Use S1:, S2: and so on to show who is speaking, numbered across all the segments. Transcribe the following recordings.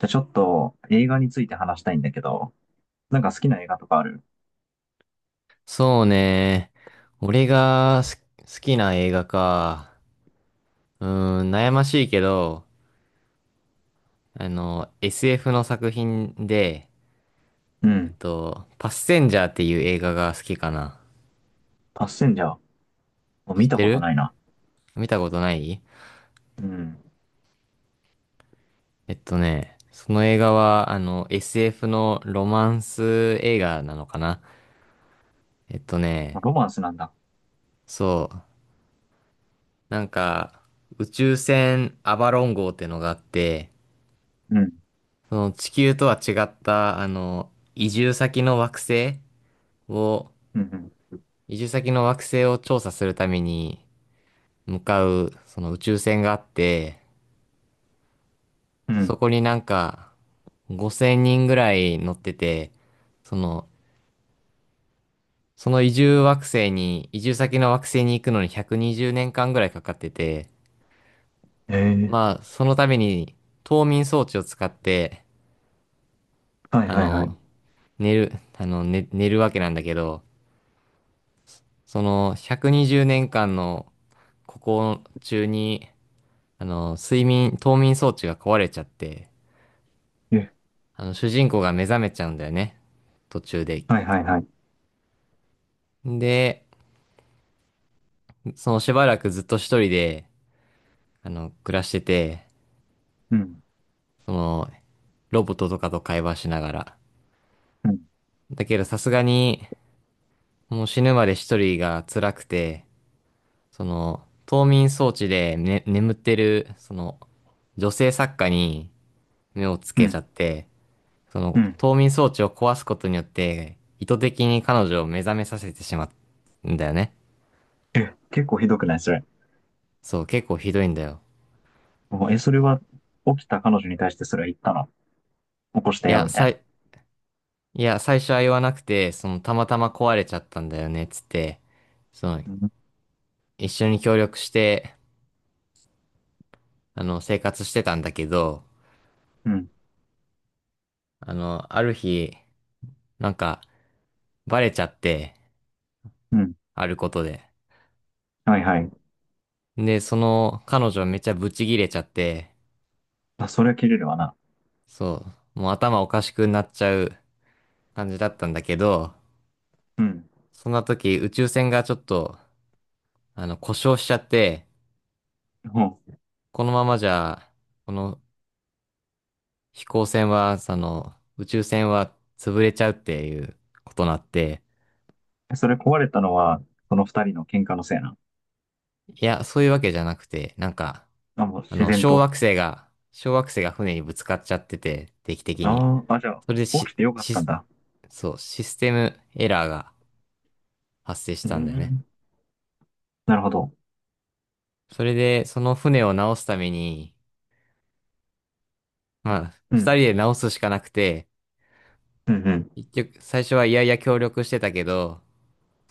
S1: じゃあちょっと映画について話したいんだけど、なんか好きな映画とかある？
S2: そうね。俺が好きな映画か。悩ましいけど、SF の作品で、
S1: うん。
S2: パッセンジャーっていう映画が好きかな。
S1: パッセンジャー。もう
S2: 知っ
S1: 見た
S2: て
S1: こと
S2: る？
S1: ないな。
S2: 見たことない？
S1: うん。
S2: えっとね、その映画は、SF のロマンス映画なのかな。えっとね、
S1: ロマンスなんだ。
S2: そう。なんか、宇宙船アバロン号ってのがあって、
S1: うん。
S2: その地球とは違った、移住先の惑星を、
S1: うん。
S2: 移住先の惑星を調査するために向かう、その宇宙船があって、
S1: う
S2: そ
S1: ん。
S2: こになんか5000人ぐらい乗ってて、その、その移住惑星に、移住先の惑星に行くのに120年間ぐらいかかってて、
S1: ええ
S2: ま
S1: ー。
S2: あ、そのために冬眠装置を使って、
S1: はい
S2: あ
S1: はいは
S2: の、
S1: い。
S2: 寝る、寝るわけなんだけど、その120年間の中に、冬眠装置が壊れちゃって、
S1: え、
S2: 主人公が目覚めちゃうんだよね。途中で。
S1: はいはいはい。
S2: で、そのしばらくずっと一人で、暮らしてて、
S1: うん。
S2: その、ロボットとかと会話しながら。
S1: うん。
S2: だけどさすがに、もう死ぬまで一人が辛くて、その、冬眠装置で、ね、眠ってる、その、女性作家に目をつ
S1: う
S2: けちゃ
S1: ん。
S2: って、そ
S1: う
S2: の
S1: ん。
S2: 冬眠装置を壊すことによって、意図的に彼女を目覚めさせてしまうんだよね。
S1: え、結構ひどくないそれ？
S2: そう、結構ひどいんだよ。
S1: おえ、それは起きた彼女に対してそれは言ったの？起こした
S2: い
S1: よ、
S2: や、
S1: みたい
S2: さ
S1: な。
S2: い、いや、最初は言わなくて、その、たまたま壊れちゃったんだよね、つって、その、
S1: うん。
S2: 一緒に協力して、生活してたんだけど、
S1: うん。
S2: ある日、なんか、バレちゃって、
S1: うん。
S2: あることで。
S1: はいはい。
S2: で、その、彼女めっちゃブチギレちゃって、
S1: あ、それは切れるわな。
S2: そう、もう頭おかしくなっちゃう感じだったんだけど、
S1: うん。
S2: そんな時、宇宙船がちょっと、故障しちゃって、
S1: ほう、
S2: このままじゃ、この飛行船は、その、宇宙船は潰れちゃうっていうことになって、
S1: え、それ壊れたのは、その二人の喧嘩のせいな？
S2: いや、そういうわけじゃなくて、なんか、
S1: あ、もう自然
S2: 小
S1: と。
S2: 惑星が、小惑星が船にぶつかっちゃってて、定期的に。
S1: ああ、あ、じゃあ、
S2: それで
S1: 起
S2: し、
S1: きてよかったん
S2: し、
S1: だ。
S2: そう、システムエラーが発生し
S1: う
S2: たんだよね。
S1: ん、なるほど。
S2: それで、その船を直すために、まあ、
S1: う
S2: 二人
S1: ん、
S2: で直すしかなくて、
S1: うん、うん、
S2: 結局、最初は嫌々協力してたけど、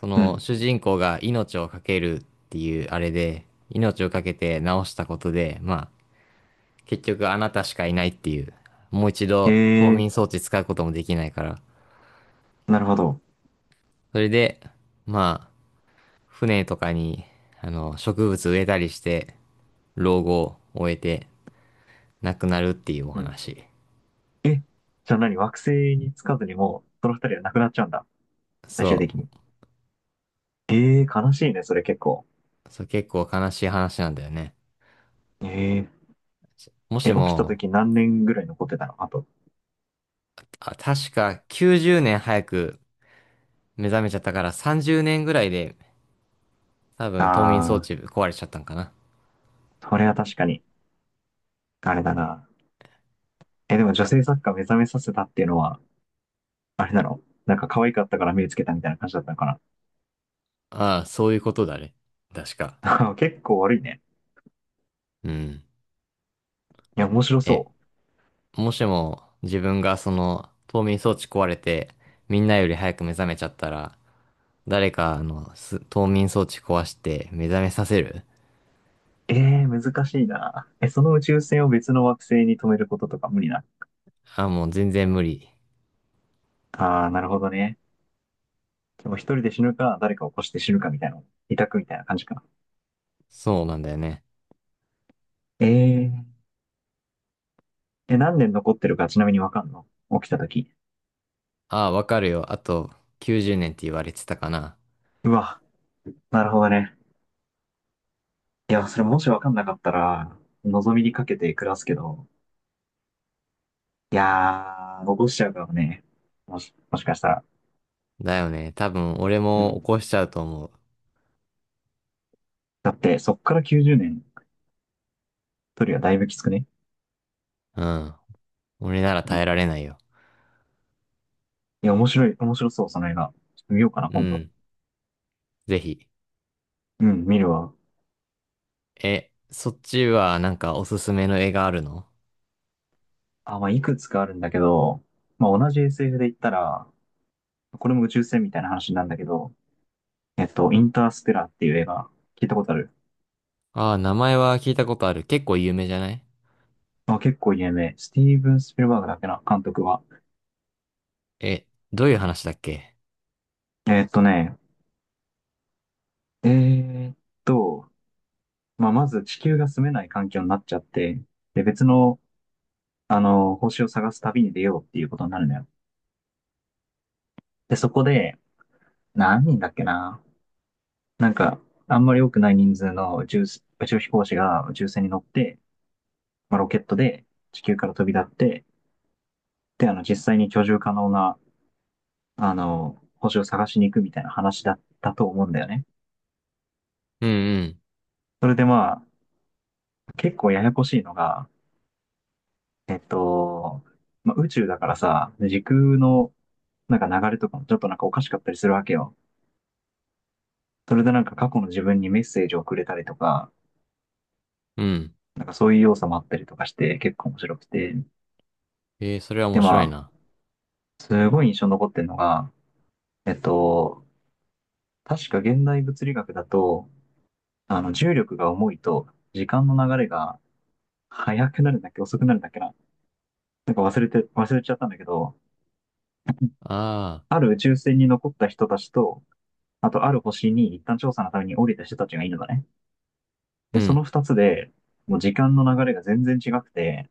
S2: そ
S1: う
S2: の
S1: ん。
S2: 主人公が命を懸けるっていうあれで、命を懸けて直したことで、まあ、結局あなたしかいないっていう、もう一
S1: へ
S2: 度冬
S1: え、
S2: 眠装置使うこともできないから、
S1: なるほど。
S2: それで、まあ、船とかに、植物植えたりして、老後を終えて亡くなるっていうお
S1: うん。
S2: 話。
S1: え、じゃあ何、惑星につかずにもう、その二人は亡くなっちゃうんだ。最終
S2: そ
S1: 的に。
S2: う。
S1: ええ、悲しいね、それ結構。
S2: そう結構悲しい話なんだよね。
S1: え
S2: も
S1: え、
S2: し
S1: え、起きた
S2: も、
S1: 時何年ぐらい残ってたの、あと？
S2: あ、確か90年早く目覚めちゃったから30年ぐらいで多分、冬眠装
S1: ああ、
S2: 置壊れちゃったんかな。
S1: それは確かに、あれだな。え、でも女性作家目覚めさせたっていうのは、あれなの？なんか可愛かったから目つけたみたいな感じだったのか
S2: ああ、そういうことだね。確か。
S1: な？結構悪いね。
S2: うん。
S1: いや、面白
S2: え、
S1: そう。
S2: もしも自分がその冬眠装置壊れて、みんなより早く目覚めちゃったら、誰かあのす冬眠装置壊して目覚めさせる？
S1: ええー、難しいな。え、その宇宙船を別の惑星に止めることとか無理な？
S2: ああ、もう全然無理。
S1: ああ、なるほどね。でも一人で死ぬか、誰かを起こして死ぬかみたいな、委託みたいな感じかな。
S2: そうなんだよね。
S1: ええー、え、何年残ってるかちなみにわかんの？起きた時。
S2: ああ、わかるよ。あと90年って言われてたかな。
S1: うわ、なるほどね。いや、それもしわかんなかったら、望みにかけて暮らすけど、いやー、残しちゃうかもね。もしかしたら。
S2: だよね。多分俺
S1: う
S2: も起
S1: ん。
S2: こしちゃうと思う。
S1: だって、そっから90年、一人はだいぶきつくね？
S2: うん。俺なら
S1: う
S2: 耐
S1: ん。
S2: えら
S1: い
S2: れないよ。
S1: や、面白い、面白そう、その映画。ちょっと見ようかな、
S2: う
S1: 今度。
S2: ん。ぜひ。
S1: うん、見るわ。
S2: え、そっちはなんかおすすめの絵があるの？
S1: あ、まあ、いくつかあるんだけど、まあ、同じ SF で言ったら、これも宇宙船みたいな話なんだけど、インターステラーっていう映画、聞いたことある？
S2: ああー、名前は聞いたことある。結構有名じゃない？
S1: まあ、結構有名。スティーブン・スピルバーグだっけな、監督は。
S2: え、どういう話だっけ？
S1: えっとね、えーっと、まあ、まず地球が住めない環境になっちゃって、で、別の、星を探す旅に出ようっていうことになるのよ。で、そこで、何人だっけな。なんか、あんまり多くない人数の宇宙飛行士が宇宙船に乗って、まあ、ロケットで地球から飛び立って、で、実際に居住可能な、星を探しに行くみたいな話だったと思うんだよね。
S2: うん。
S1: それでまあ、結構ややこしいのが、えっと、まあ、宇宙だからさ、時空のなんか流れとかもちょっとなんかおかしかったりするわけよ。それでなんか過去の自分にメッセージをくれたりとか、
S2: うん、うん。
S1: なんかそういう要素もあったりとかして結構面白くて。
S2: えー、それは面
S1: で
S2: 白い
S1: まあ、
S2: な。
S1: すごい印象に残ってるのが、えっと、確か現代物理学だと、重力が重いと、時間の流れが速くなるんだっけ、遅くなるんだっけな。なんか忘れちゃったんだけど、
S2: ああ、
S1: ある宇宙船に残った人たちと、あとある星に一旦調査のために降りた人たちがいるのね。
S2: う
S1: で、そ
S2: ん、
S1: の二つで、もう時間の流れが全然違くて、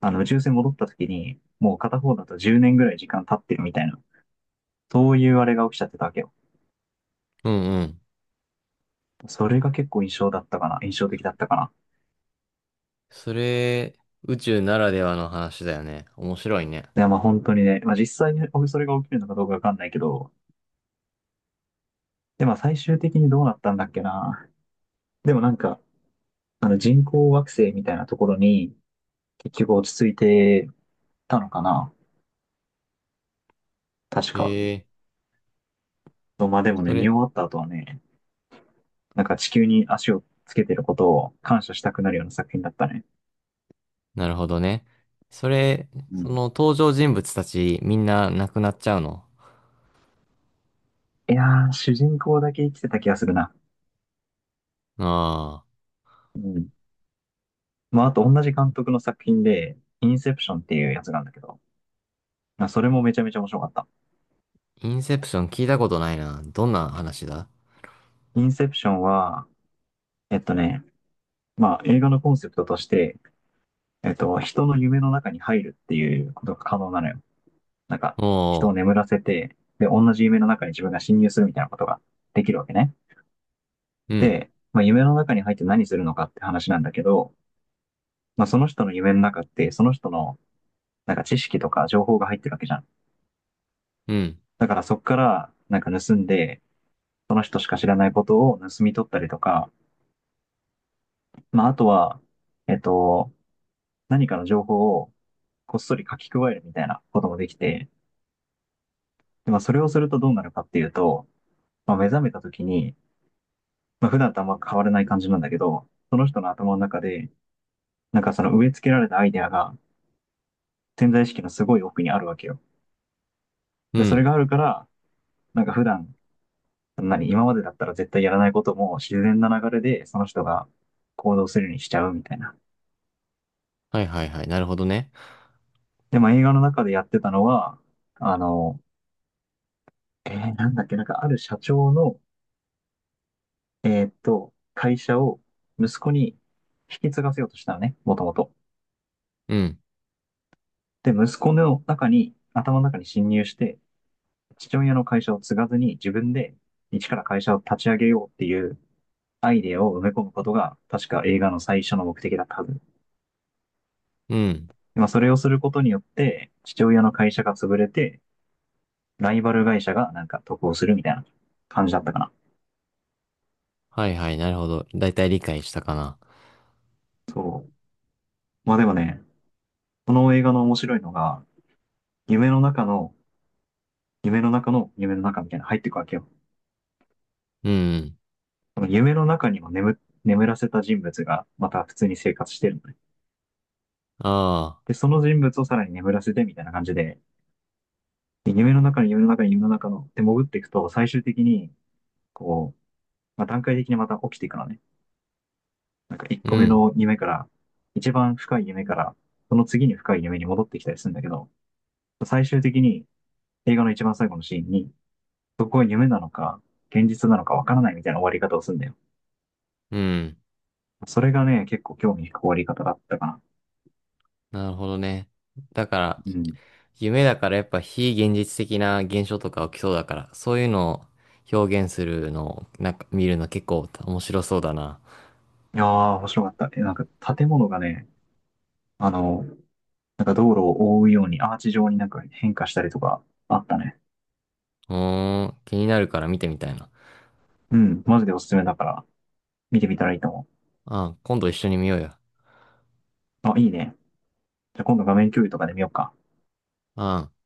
S1: 宇宙船戻った時に、もう片方だと10年ぐらい時間経ってるみたいな、そういうあれが起きちゃってたわけよ。
S2: うん、うん。
S1: それが結構印象だったかな、印象的だったかな。
S2: それ、宇宙ならではの話だよね。面白いね。
S1: いや、まあ本当にね、まあ実際にそれが起きるのかどうかわかんないけど、で、まあ最終的にどうなったんだっけな。でもなんか、あの人工惑星みたいなところに結局落ち着いてたのかな。確
S2: え
S1: か。
S2: え、
S1: まあでも
S2: そ
S1: ね、見終
S2: れ、
S1: わった後はね、なんか地球に足をつけてることを感謝したくなるような作品だったね。
S2: なるほどね。それ、
S1: う
S2: そ
S1: ん。
S2: の登場人物たちみんな亡くなっちゃうの？
S1: いやー、主人公だけ生きてた気がするな。
S2: ああ
S1: うん。まああと同じ監督の作品で、インセプションっていうやつなんだけど、まあそれもめちゃめちゃ面白かった。
S2: ー、インセプション聞いたことないな。どんな話だ？
S1: インセプションは、えっとね、まあ映画のコンセプトとして、人の夢の中に入るっていうことが可能なのよ。なんか、
S2: お
S1: 人を
S2: ー。
S1: 眠らせて、で、同じ夢の中に自分が侵入するみたいなことができるわけね。
S2: うん、
S1: で、まあ、夢の中に入って何するのかって話なんだけど、まあ、その人の夢の中って、その人の、なんか知識とか情報が入ってるわけじゃん。
S2: うん。
S1: だからそっから、なんか盗んで、その人しか知らないことを盗み取ったりとか、まあ、あとは、えっと、何かの情報をこっそり書き加えるみたいなこともできて、で、まあ、それをするとどうなるかっていうと、まあ、目覚めた時に、まあ、普段とあんま変わらない感じなんだけど、その人の頭の中で、なんかその植え付けられたアイデアが潜在意識のすごい奥にあるわけよ。
S2: う
S1: で、それ
S2: ん。
S1: があるから、なんか普段、何、今までだったら絶対やらないことも自然な流れでその人が行動するようにしちゃうみたいな。
S2: はいはいはい。なるほどね。
S1: で、まあ映画の中でやってたのは、あの、なんだっけ、なんかある社長の、会社を息子に引き継がせようとしたのね、もともと。
S2: うん。
S1: で、息子の中に、頭の中に侵入して、父親の会社を継がずに自分で一から会社を立ち上げようっていうアイデアを埋め込むことが確か映画の最初の目的だったはず。
S2: うん。
S1: まあ、それをすることによって父親の会社が潰れてライバル会社がなんか得をするみたいな感じだったかな。
S2: はいはい。なるほど。だいたい理解したかな。
S1: そう。まあでもね、この映画の面白いのが夢の中の夢の中の夢の中みたいな入っていくわけよ。
S2: うん。
S1: 夢の中にも眠らせた人物がまた普通に生活してるのね。
S2: あ
S1: で、その人物をさらに眠らせてみたいな感じで、夢の中の夢の中の夢の中のって潜っていくと、最終的に、こう、まあ、段階的にまた起きていくのね。なんか1
S2: あ。う
S1: 個目
S2: ん。
S1: の夢から、一番深い夢から、その次に深い夢に戻ってきたりするんだけど、最終的に映画の一番最後のシーンに、そこが夢なのか、現実なのかわからないみたいな終わり方をするんだよ。
S2: うん。
S1: それがね、結構興味深い終わり方だったかな。
S2: なるほどね。だから、
S1: うん。い
S2: 夢だからやっぱ非現実的な現象とか起きそうだから、そういうのを表現するのを、なんか見るの結構面白そうだな。
S1: やー、面白かった。え、なんか建物がね、あの、なんか道路を覆うようにアーチ状になんか変化したりとかあったね。
S2: うーん。気になるから見てみたいな。
S1: うん、マジでおすすめだから。見てみたらいいと思
S2: ああ、今度一緒に見ようよ。
S1: う。あ、いいね。じゃあ今度画面共有とかで見ようか。
S2: ああ。